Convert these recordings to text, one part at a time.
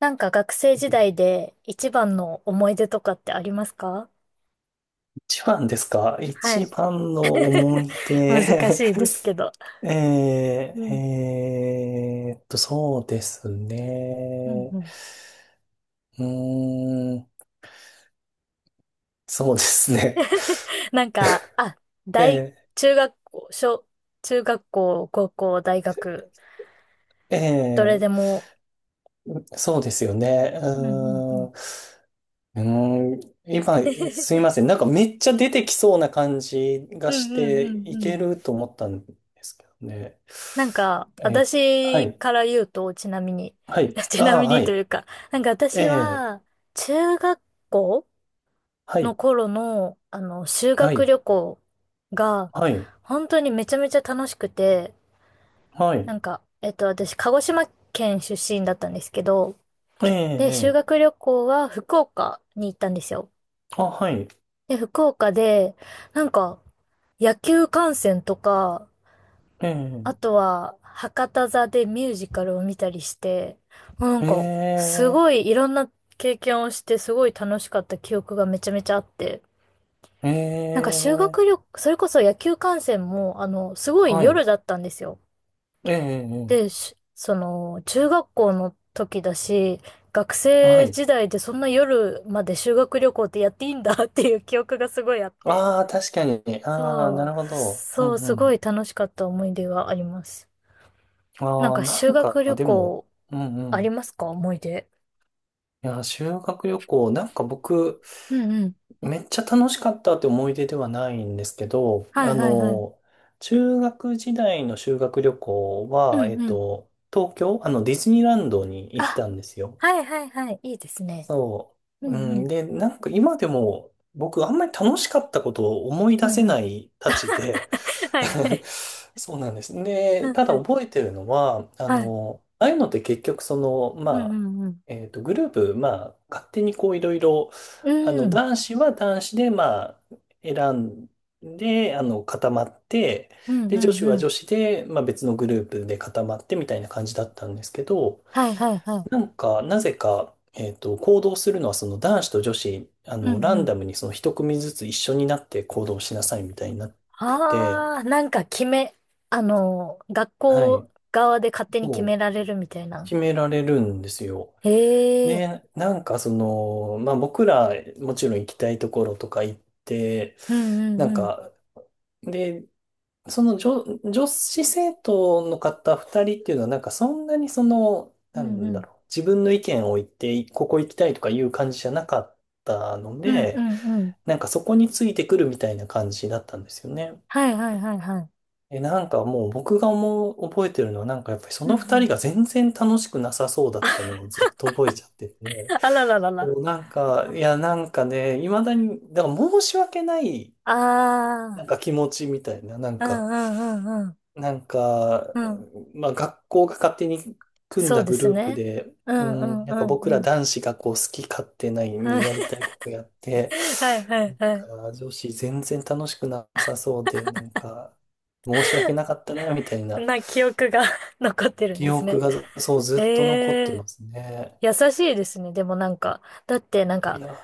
なんか学生時代で一番の思い出とかってありますか？一番ですか？はい。一番の思 い難し出。 いですけど。うん。そうですうんね。うん。うーん、そうですね。なんか、あ、大、え中学校、中学校、高校、大学、ー、どれでえも。そうですよね。うーうんうんうん、ん。うーん、今、すいません。なんかめっちゃ出てきそうな感じうがんしうんうて、んいうけん。ると思ったんですけどね。なんか、えーは私い、から言うと、ちなみに、はい、あちなあ、みはにとい、いうか、なんかえ私えは、中学校はのい。頃の、修は学い。旅行が、はい。本当にめちゃめちゃ楽しくて、はない。んか、私、鹿児島県出身だったんですけど、ええ、で、修ええ。学旅行は福岡に行ったんですよ。あ、はい。で、福岡で、なんか、野球観戦とか、えあえ、とは、博多座でミュージカルを見たりして、もうなんえか、すごえ、いいろんな経験をして、すごい楽しかった記憶がめちゃめちゃあって、えなんか修学え、旅行、それこそ野球観戦も、すごいは夜い。だったんですよ。ええ、えで、えその、中学校の時だし、学は生い。時代でそんな夜まで修学旅行ってやっていいんだ っていう記憶がすごいあって。ああ、確かに。ああ、なそう、るほど。うんそう、うすごいん。楽しかった思い出があります。なんああ、かな修んか、学旅でも、行うんうありん。ますか、思い出。いや、修学旅行、なんか僕、うんうん。めっちゃ楽しかったって思い出ではないんですけど、はあいはいはい。の、中学時代の修学旅行うは、んうん。東京、あの、ディズニーランドに行っあ、たんですよ。はいはいはい。いいですね。そうんう。ううん。ん。で、なんか今でも僕あんまり楽しかったことを思いう出んせうん。ないたちで はいはい。そうなんです。うで、んたうだん。覚えてるのは、あはい。の、ああいうのって結局その、まうんうあ、んうん。グループ、まあ、勝手にこういろいろ、うあの、ん。男子は男子で、まあ、選んで、あの、固まって、うんで、う女ん子はうん。女子で、まあ別のグループで固まってみたいな感じだったんですけど、はいはいはなんか、なぜか、行動するのは、その男子と女子、あい。うの、んラうンん。ダムにその一組ずつ一緒になって行動しなさいみたいになってて、ああ、なんか決め、学はい、校側で勝手に決めそられるみたいう、な。決められるんですよ。へえ。で、なんかその、まあ僕ら、もちろん行きたいところとか行って、うんうんなんうん。か、で、その女、女子生徒の方二人っていうのは、なんかそんなにその、うなんうんだん。ろう、自分の意見を言って、ここ行きたいとかいう感じじゃなかったのうんうで、んうん。なんかそこについてくるみたいな感じだったんですよね。はいはいはいはい。え、なんかもう僕が思う、覚えてるのはなんかやっぱりそうんうの二ん。人が全然楽しくなさそうだったのをずっと覚えちゃってて、あらららそら。うなんか、いやなんかね、未だに、だから申し訳ないなあんあ、か気持ちみたいな、なんうんか、うんうんうん。なんか、うん。まあ学校が勝手に組んそうだでグすループね。で、ううんうん、んなうんかん僕うらん。男子がこう好き勝手ないはにい やりたいことやって、はいはないんはい。か女子全然楽しくなさそうで、なんか申し訳なかったな、みたいなな記憶が 残ってるん記です憶ね。がずそうずっと残っえてえ、ますね。優しいですね。でもなんか、だってなんいか、や、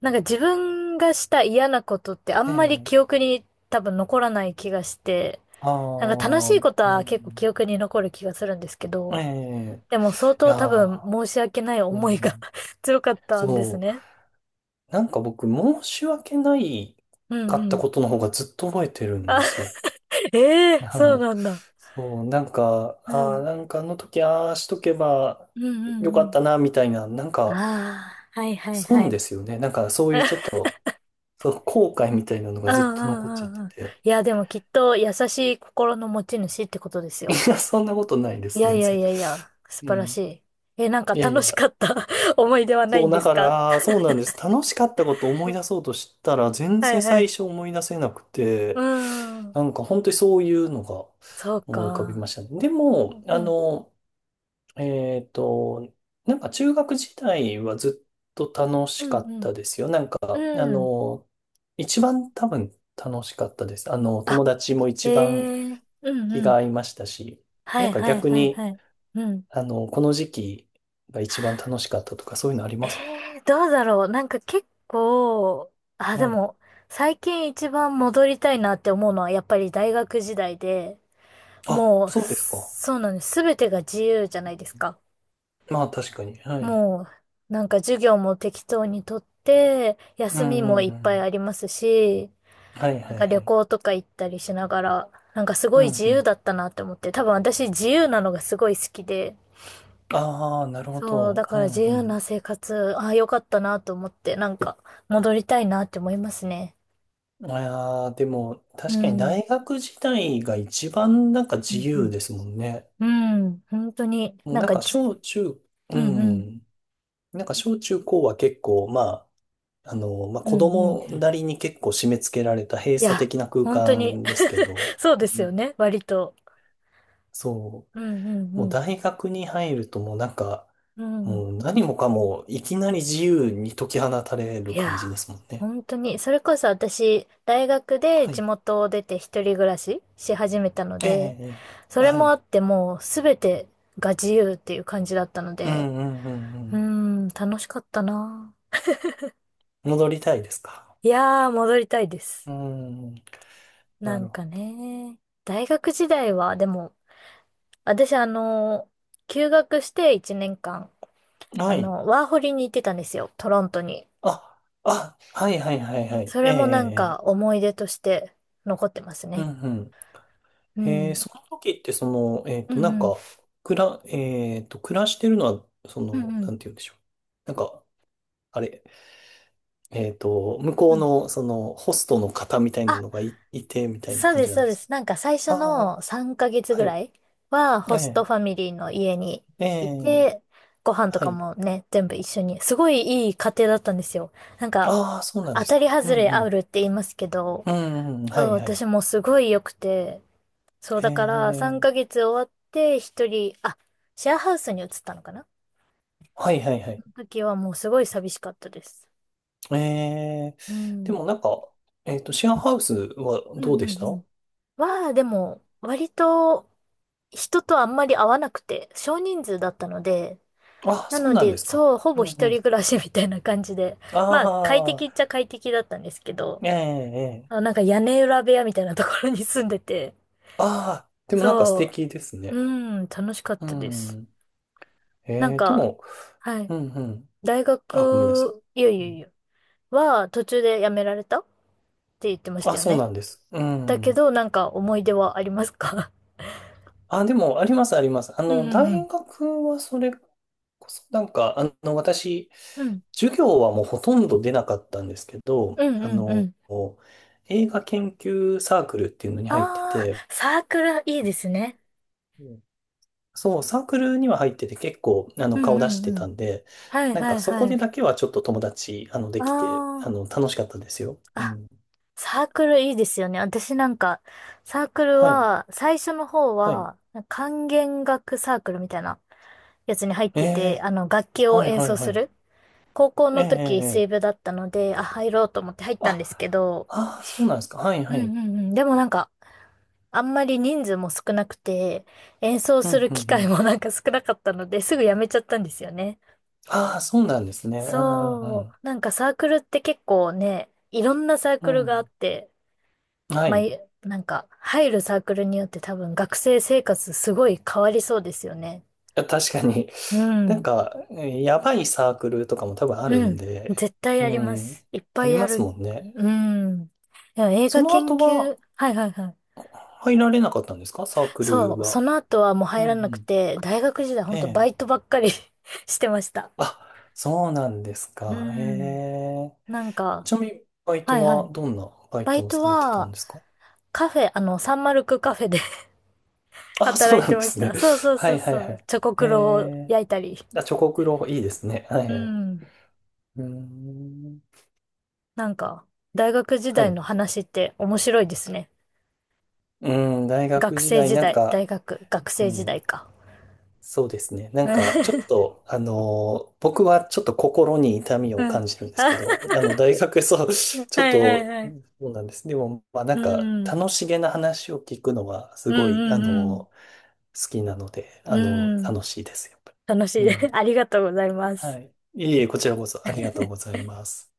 なんか自分がした嫌なことってあねんまりえ、記憶に多分残らない気がして、あなんか楽しあ、ういことは結構記ん、憶に残る気がするんですけえど、え、でも相い当多や、分申し訳ないう思いが ん、強かったんですそう。ね。なんか僕、申し訳ないうんかうったん。ことの方がずっと覚えてるんあ、ですよ。ええー、そうな んだ。そう、なんか、うああ、ん。なんかあの時、ああしとけばうんうよんうかっん。たな、みたいな、なんか、ああ、はいはいは損でい。すよね。なんか、そういうちょっ と、その後悔みたいなのうがんずっうと残っちゃっんうてんうん。て。いや、でもきっと優しい心の持ち主ってことです いよ。や、そんなことないでいす、やい全やい然。やいや、素う晴らしん。い。え、なんかいやい楽しや。かった 思い出はないそう、んでだすかか？ら、そうなんです。楽しかったことを思い出そうとしたら、全は然いは最い。初思い出せなくうて、ーん。なんか本当にそういうのがそう思い浮かびまか。したね。でうも、んあうん。の、えっと、なんか中学時代はずっと楽しうかんっうたん。ですよ。なんか、あうん。の、一番多分楽しかったです。あの、あ、友達も一番ええ、うん気うがん。合いましたし、はなんいかはい逆はいはに、い。うん。あの、この時期が一番楽しかったとか、そういうのありえます？え、どうだろう。なんか結構、あ、ではい。も、最近一番戻りたいなって思うのはやっぱり大学時代で、あ、もう、そうですか。そうなんです。すべてが自由じゃないですか。まあ確かに。はい。もう、なんか授業も適当にとって、う休みんうんもいっうぱいん。ありますし、はいなんはいかは旅い。行とか行ったりしながら、なんかすごういん自う由ん。だったなって思って、多分私自由なのがすごい好きで、ああ、なるほそう、だど。かうら自由なん生活、ああ、よかったなと思って、なんか戻りたいなって思いますね。うん。いやー、でもう確かにん。大学時代が一番なんかう自由んですもんね。うん。うん、本当に、もうなんなんかかじ、小中、ううんうん、ん。なんか小中高は結構、まあ、あの、まあうん子うん。い供なりに結構締め付けられた閉鎖や、的な空本当に 間ですけど、そうでうすよんね、割と。そうんうんう。うもうん。大学に入るともうなんか、うん、もう何もかもいきなり自由に解き放たれるいや、感じですもんね。本当に、それこそ私、大学では地い。元を出て一人暮らしし始めたのええ、で、ええええそれはもあい。ってもうすべてが自由っていう感じだったのうんで、うんうんううーん。ん、楽しかったな。戻りたいですか？いやー、戻りたいです。うん、ななんるほかね、大学時代は、でも、私休学して1年間、ど。はい。ワーホリに行ってたんですよ、トロントに。あ、あ、はいはいはいはい。そえれえ、もなんかええ思い出として残ってますええうね。んうん。うええ、ん。その時ってその、うんなんうんか、くら、えっと、暮らしてるのは、そうんの、うなんんて言うんでしょう。なんか、あれ、向こううん、の、その、ホストの方みたいなあ、のがいて、みたいなそう感でじす、なんそうでです。す。なんか最初あのあ。3ヶ月はぐい。らいはえホストえ、ファミリーの家にえいえ、て、ご飯とはかい。もね、全部一緒に。すごいいい家庭だったんですよ。なんか、ああ、そうなん当ですたりか。うん外れうあん。るって言いますけど、うんうん、はそう、い、はい。私もすごい良くて、そう、えだから3え、ヶ月終わって一人、あ、シェアハウスに移ったのかな。はい、はい、はい。その時はもうすごい寂しかったです。ええ、うでん。もなんか、シェアハウスはうんどうでうしんうた？ん、は、でも、割と人とあんまり会わなくて、少人数だったので、ああ、なそうのなんで、ですか。そう、ほうぼんう一ん。人暮らしみたいな感じで、まあ、快あ適っちあ、ゃ快適だったんですけど、ええ、えあ、え。なんか屋根裏部屋みたいなところに住んでて、ああ、でもなんか素そ敵ですう、ね。うん、楽しかっうたです。ん。えなんえ、でか、も、はい、うんうん。あ、ごめんなさい。いやいうやいんや、は途中で辞められたって言ってましあ、たよそうなね。んです。うだけん。ど、なんか思い出はありますか？ あ、でも、あります、あります。あ うの、んう大ん学はそれこそ、なんか、あの、私、うん。うん、授業はもうほとんど出なかったんですけど、うんうあんうの、ん。映画研究サークルっていうのに入ってああ、て、サークルいいですね。うんそう、サークルには入ってて結構、あうの、ん顔出うしんてうたん。んで、はいなんはかいそこはでい。だけはちょっと友達、あの、できて、ああの、楽しかったですよ。あ、うあ、ん。サークルいいですよね。私なんか、サークルはい。は、最初の方はい。は、管弦楽サークルみたいなやつに入っえてて、え楽器をはい、演はい、奏はすい。る。高校ええのえ時、え水え部えだったので、あ、入ろうと思って入っあ、たんですけど、ああ、そうなんですか。はい、うはい。んうんうん。でもなんか、あんまり人数も少なくて、演奏うん、するうん、う機会ん。もなんか少なかったので、すぐ辞めちゃったんですよね。ああ、そうなんですね。うんうそう。んなんかサークルって結構ね、いろんなサーうクルがあっん。て、うん。はまあ、い。なんか入るサークルによって多分学生生活すごい変わりそうですよね。確かに。うなんん。か、やばいサークルとかも多分あるうんん。で、絶対うやります。ん。いっぱあいりやまする。もんね。うん。でも映そ画の研後は究、はいはいはい。入られなかったんですか？サークそルう。そは。の後はもうう入んうらなくん。て、大学時代ほえんとバえ。イトばっかり してました。あ、そうなんですうか。えん。え。なんか、ちなみに、バイはトいははい。どんなバイバトイをトされてたんは、ですか？カフェ、サンマルクカフェであ、そ働ういなてんでましすね。た。そう そうはそういはそいはう。い。チョコえクロをえ。焼いたり。あ、チョコクロ、いいですね。はういはい。ん。うーん。なんか、大学時は代い。の話って面白いですね。うん、大学学時生代、時なん代、大か、学、学う生時ん、代か。そうですね。なんか、ちょっ と、僕はちょっと心に痛みうをん。感じるんですけあ、ど、あの、大学、そう、はちょっいはいと、はうんい。そうなんです。でも、まあ、なうんか、ん。うん楽しげな話を聞くのは、すうごい、ん好きなので、うん。うん。楽しいです、やっぱ楽しり。い。う ん。ありがとうございまはす。い。いえいえ、こちらこそ、ありがとうございます。